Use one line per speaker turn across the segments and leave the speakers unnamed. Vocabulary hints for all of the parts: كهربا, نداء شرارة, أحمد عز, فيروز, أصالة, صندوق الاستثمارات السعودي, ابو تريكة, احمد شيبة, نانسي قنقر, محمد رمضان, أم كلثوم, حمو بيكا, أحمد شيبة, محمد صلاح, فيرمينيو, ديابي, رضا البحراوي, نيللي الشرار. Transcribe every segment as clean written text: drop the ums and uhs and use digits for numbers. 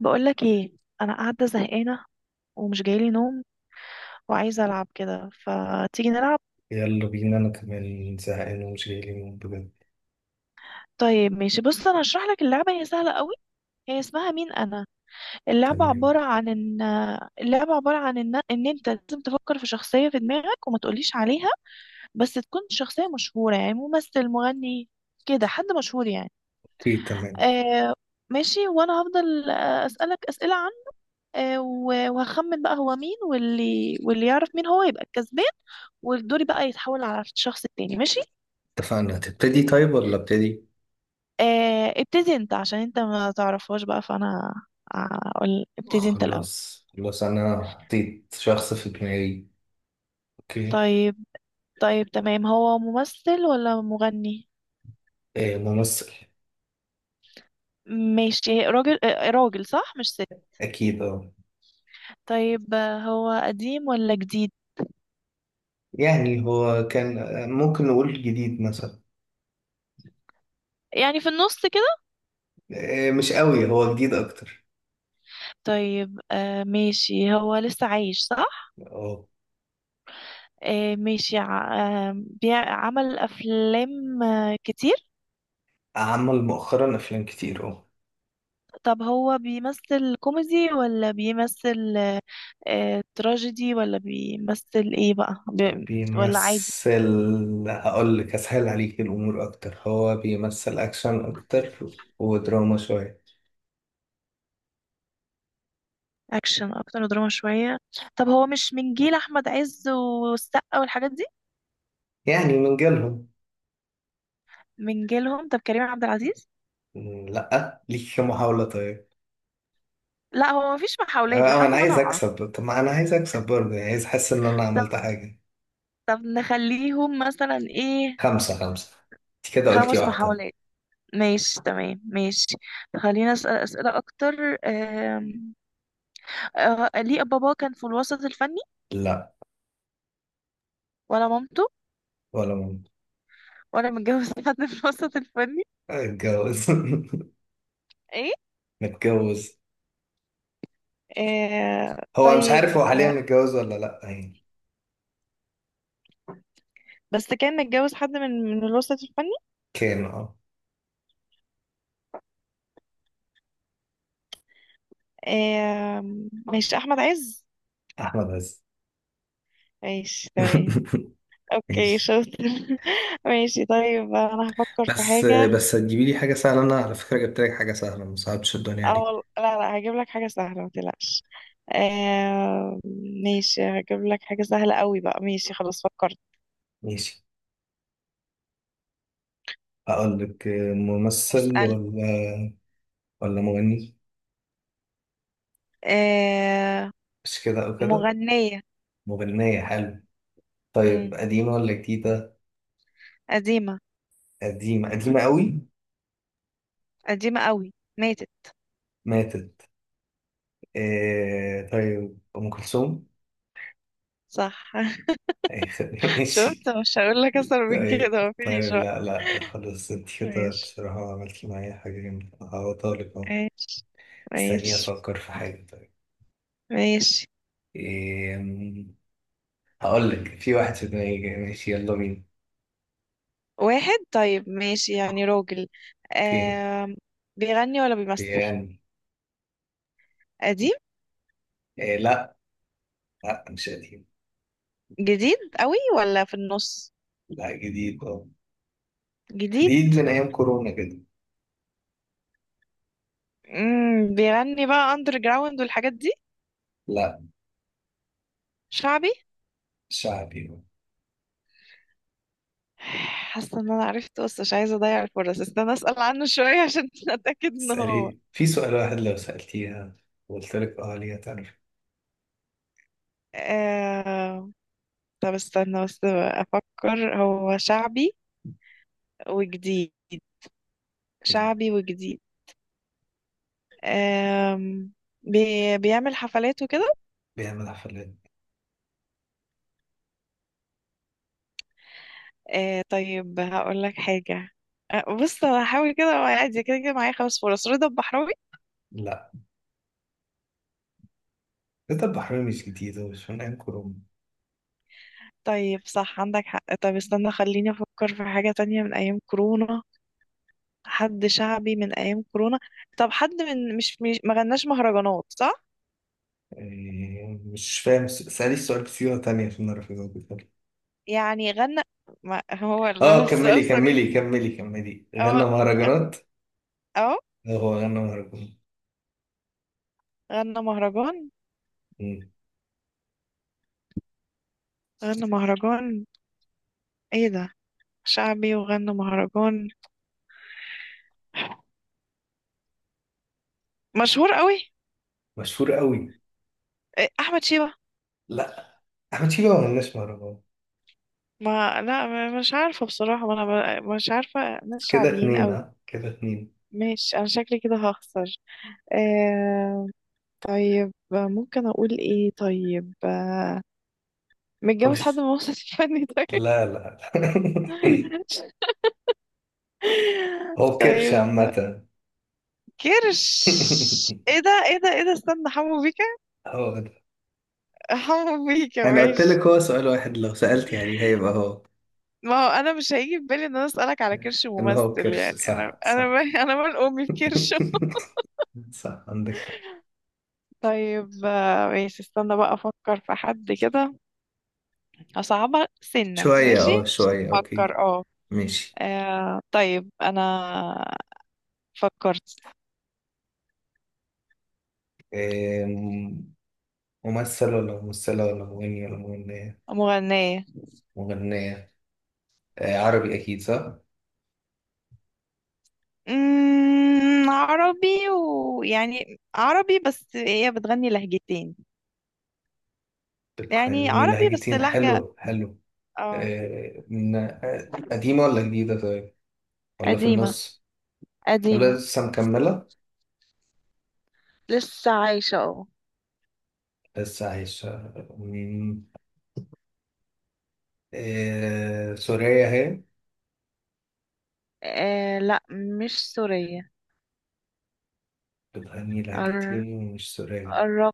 بقولك ايه؟ انا قاعده زهقانه ومش جايلي نوم وعايزه العب كده، فتيجي نلعب.
يلا بينا، أنا كمان زهقان ومش جاي لي نوم بجد.
طيب ماشي، بص انا هشرح لك اللعبه، هي سهله قوي. هي اسمها مين انا. اللعبه عباره
تمام.
عن ان اللعبه عباره عن ان انت لازم تفكر في شخصيه في دماغك وما تقوليش عليها، بس تكون شخصيه مشهوره، يعني ممثل، مغني، كده حد مشهور يعني.
أوكي تمام.
آه ماشي، وانا هفضل اسالك اسئله عنه. وهخمن بقى هو مين، واللي يعرف مين هو يبقى الكسبان. ودوري بقى يتحول على الشخص التاني، ماشي.
اتفقنا، هتبتدي طيب ولا ابتدي؟
آه، ابتدي انت عشان انت ما تعرفهاش بقى، فانا اقول ابتدي انت الاول.
خلاص خلاص، أنا حطيت شخص في دماغي. أوكي.
طيب. طيب تمام، هو ممثل ولا مغني؟
آه ممثل.
ماشي، راجل. راجل صح، مش ست؟
أكيد أه.
طيب. هو قديم ولا جديد؟
يعني هو كان ممكن نقول جديد مثلا.
يعني في النص كده.
آه مش قوي، هو جديد أكتر.
طيب ماشي، هو لسه عايش صح؟
أه
آه ماشي. عمل افلام كتير.
عمل مؤخرا أفلام كتير أه.
طب هو بيمثل كوميدي ولا بيمثل تراجيدي، ولا بيمثل ايه بقى، ولا عادي؟
بيمثل. هقول لك أسهل عليك الأمور أكتر، هو بيمثل أكشن أكتر ودراما شوية.
اكشن اكتر، دراما شوية. طب هو مش من جيل احمد عز والسقا والحاجات دي؟
يعني من جيلهم.
من جيلهم. طب كريم عبد العزيز.
مم، لأ، ليك محاولة طيب.
لا، هو مفيش محاولات
أه
لحد
أنا
ما انا
عايز
اعرف.
أكسب، طب ما أنا عايز أكسب برضه، يعني عايز أحس إن أنا
طب
عملت حاجة.
طب نخليهم مثلا ايه.
خمسة خمسة. أنت كده قلتي
خمس
واحدة.
محاولات. ماشي تمام ماشي. خلينا أسأل أسئلة أكتر. آم، ليه بابا كان في الوسط الفني؟
لأ.
ولا مامته؟
ولا ممكن.
ولا متجوز حد في الوسط الفني؟
اتجوز
ايه؟
متجوز. هو مش عارف
طيب.
هو حاليا متجوز ولا لأ يعني.
بس كان متجوز حد من الوسط الفني؟
كان أه.
آه ماشي، احمد عز.
أحمد عز.
ماشي تمام. اوكي
ماشي.
شاطر ماشي. طيب انا هفكر في
بس
حاجة.
بس هتجيبي لي حاجة سهلة، أنا على فكرة جبت لك حاجة سهلة، ما صعبتش الدنيا دي.
او لا لا، هجيب لك حاجة سهلة ما تقلقش. آه ماشي، هجيب لك حاجة سهلة قوي بقى، ماشي خلاص فكرت.
ماشي. هقول لك. ممثل
اسأل.
ولا مغني.
آه.
مش كده أو كده.
مغنية.
مغنية حلو. طيب
مم.
قديمة ولا جديدة؟
قديمة.
قديمة. قديمة قوي.
قديمة قوي، ماتت.
ماتت. آه طيب أم كلثوم.
صح
أي خدمة ماشي.
شفت، مش هقول لك اكتر من
طيب
كده، مفيش
طيب،
بقى.
لا لا، خلاص انت كده
ماشي.
بصراحة عملتي معايا حاجة جامدة، هعوضها لك اهو.
ماشي.
استني
ماشي.
أفكر في حاجة طيب.
ماشي.
إيه. هقول لك، في واحد في دماغي جاي. ماشي يلا بينا.
واحد، طيب ماشي، يعني راجل.
اوكي.
آم... بيغني ولا بيمثل؟
بيغني.
قديم.
إيه لا. لا مش قديم.
جديد قوي ولا في النص؟
لا جديد اه.
جديد.
جديد من أيام كورونا كده.
بيغني بقى اندر جراوند والحاجات دي.
لا.
شعبي.
شعبي.
حاسه ان انا عرفت، بس مش عايزه اضيع الفرص، استنى اسال عنه شويه عشان اتاكد ان هو.
اسألي في سؤال واحد لو سألتيها وقلت لك اه ليه هتعرف.
آه... طب استنى بس افكر، هو شعبي وجديد.
إيه؟
شعبي وجديد. آم، بيعمل حفلات وكده.
بيعمل حفلات.
طيب هقول لك حاجة. بص أنا هحاول كده، وأنا قاعد كده كده معايا خمس فرص. رضا البحراوي.
لا، ده البحرين مش جديد، هو مش من أيام كورونا.
طيب صح عندك حق. طب استنى خليني أفكر في حاجة تانية من أيام كورونا. حد شعبي من أيام كورونا. طب حد من مش ما غناش مهرجانات صح؟
إيه، مش فاهم اسألي السؤال بصيغة تانية عشان أعرف أجاوبك.
يعني غنى. ما هو
اه
السؤال
كملي
صريح. أهو.
غنى مهرجانات.
أهو.
آه، هو غنى مهرجانات.
غنى مهرجان.
مم.
غنى مهرجان. إيه ده. شعبي وغنى مهرجان. مشهور قوي.
مشهور قوي.
إيه، احمد شيبة.
لا. أحمد شيبة ما غناش مهرجانات.
ما لا مش عارفة بصراحة، ما انا مش عارفة ناس
كده
شعبيين
اتنين،
قوي.
ها كده اتنين.
ماشي، انا شكلي كده هخسر. آه طيب ممكن اقول ايه طيب.
هو
متجوز حد من
مش،
وسط الفني طيب.
لا لا لا. هو كرش
طيب.
عامة.
كرش؟ ايه ده ايه ده ايه ده استنى، حمو بيكا.
هو،
حمو بيكا،
انا قلت
ماشي.
لك هو سؤال واحد لو سألت يعني هيبقى هو.
ما هو انا مش هيجي في بالي ان انا اسالك على كرش
ان هو
ممثل
كرش،
يعني، انا
صح
انا
صح.
انا مال امي بكرش.
صح عندك حق.
طيب. ماشي، استنى بقى افكر في حد كده. اصعبها سنة،
شوية
ماشي.
اه
عشان
شوية
تفكر
اوكي.
اه.
ماشي.
طيب انا فكرت.
أم، ممثل ولا ممثلة ولا مغني ولا مغنية.
مغنية.
مغنية. آه، عربي أكيد صح.
عربي، ويعني عربي بس هي بتغني لهجتين. يعني
بتغني
عربي بس
لهجتين،
لهجة.
حلو حلو.
اه.
آه، من آه، قديمة ولا جديدة طيب، ولا في
قديمة.
النص. ولا
قديمة.
لسه مكملة.
لسه عايشة اه.
لسه عايشة مم، آه، سورية هي.
لا، مش سورية.
بتغني
قر-
لاجتيني ومش سورياني.
قربت.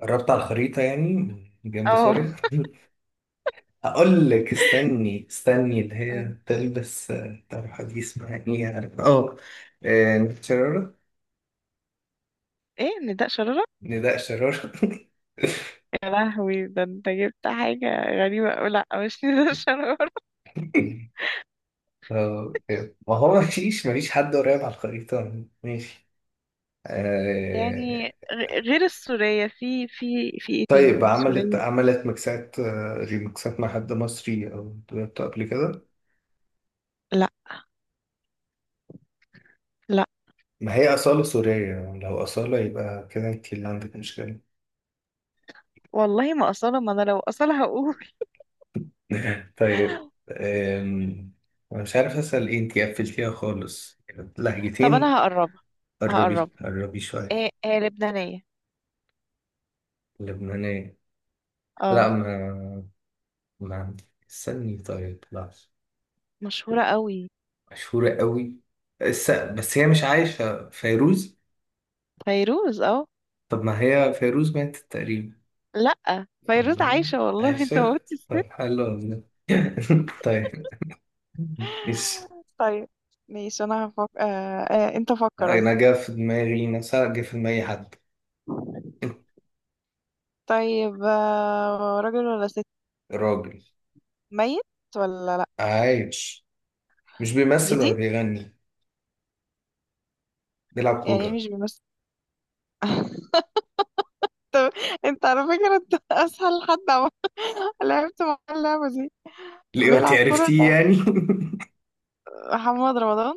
قربت على الخريطة يعني، جنب
اه.
سوريا. هقول لك استني اللي هي تلبس آه، طرحة دي اسمها ايه يعني اه. آه، نداء شرارة.
ايه، نداء شرارة؟
نداء شرارة
يا لهوي، ده انت جبت حاجة غريبة أوي. لا، مش نيللي الشرار.
آه، ما هو مفيش حد قريب على الخريطة، ماشي.
يعني
آه،
غير السورية في ايه تاني
طيب عملت
سورية؟
عملت ميكسات آه، ريميكسات مع حد مصري أو دويتو قبل كده.
لا. لا
ما هي أصالة سورية، لو أصالة يبقى كده أنت اللي عندك مشكلة.
والله، ما أصالة، ما أنا لو أصالة هقول.
طيب أم، أنا مش عارف أسأل إيه، أنتي قفلتيها خالص.
طب
لهجتين.
أنا هقربها.
قربي
هقربها.
قربي شوية.
ايه ايه، لبنانية.
لبنانية. لا
اه.
ما عندي. استني طيب، لا.
مشهورة أوي.
مشهورة قوي. بس, هي مش عايشة. فيروز.
فيروز اه.
طب ما هي فيروز ماتت تقريبا.
لا، فيروز
والله
عايشة والله انت
عايشة.
قلت.
طب حلو والله. طيب. إيش.
طيب. ماشي أنا هفكر آه. انت فكر قصدي.
أنا جا في دماغي، مثلا جا في دماغي حد.
طيب، راجل ولا ست؟
راجل.
ميت ولا لا؟
عايش. مش بيمثل ولا
جديد.
بيغني. نلعب
يعني إيه
كورة.
مش بيمثل؟ طب انت على فكرة انت اسهل حد لعبت مع اللعبة دي.
ليه انت
بيلعب كرة
عرفتيه
ده.
يعني.
محمد رمضان.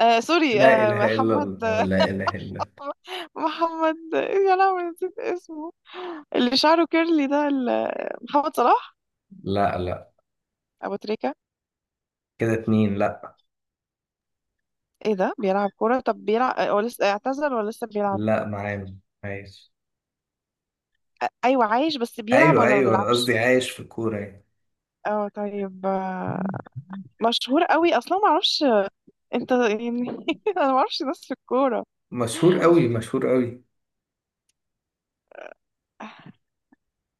سوري،
لا إله إلا
محمد.
الله لا إله إلا الله.
محمد، يا لهوي نسيت اسمه. اللي شعره كيرلي ده محمد صلاح.
لا لا.
ابو تريكة.
كده اتنين، لا.
ايه ده، بيلعب كرة. طب بيلعب، هو لسه اعتزل ولا لسه بيلعب؟
لا معانا. عايش.
ايوه عايش، بس بيلعب
أيوه
ولا ما
أيوه، أنا
بيلعبش؟
قصدي عايش في الكورة يعني.
اه طيب. مشهور قوي اصلا، ما اعرفش انت يعني. انا ما اعرفش ناس في الكورة.
مشهور قوي، مشهور قوي.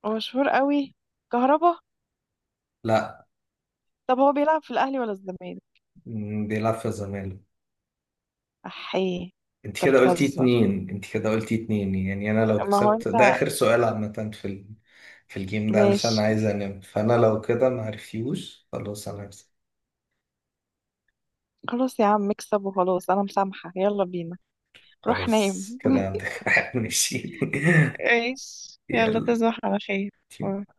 هو مشهور قوي؟ كهربا.
لا.
طب هو بيلعب في الاهلي ولا الزمالك؟
مم، بيلعب في الزمالك.
احيه. انت بتهزر،
انت كده قلتي اتنين يعني، انا لو
ما هو
كسبت ده
انت.
اخر سؤال عامة في ال... في الجيم ده علشان
ماشي.
عايز انام، فانا لو كده ما عرفتيهوش خلاص انا هكسب.
خلاص يا عم، اكسب وخلاص، انا مسامحة، يلا بينا. روح نام
خلاص كده عندك واحد ماشي.
ماشي، يلا
يلا.
تصبح على خير.
ترجمة نانسي قنقر.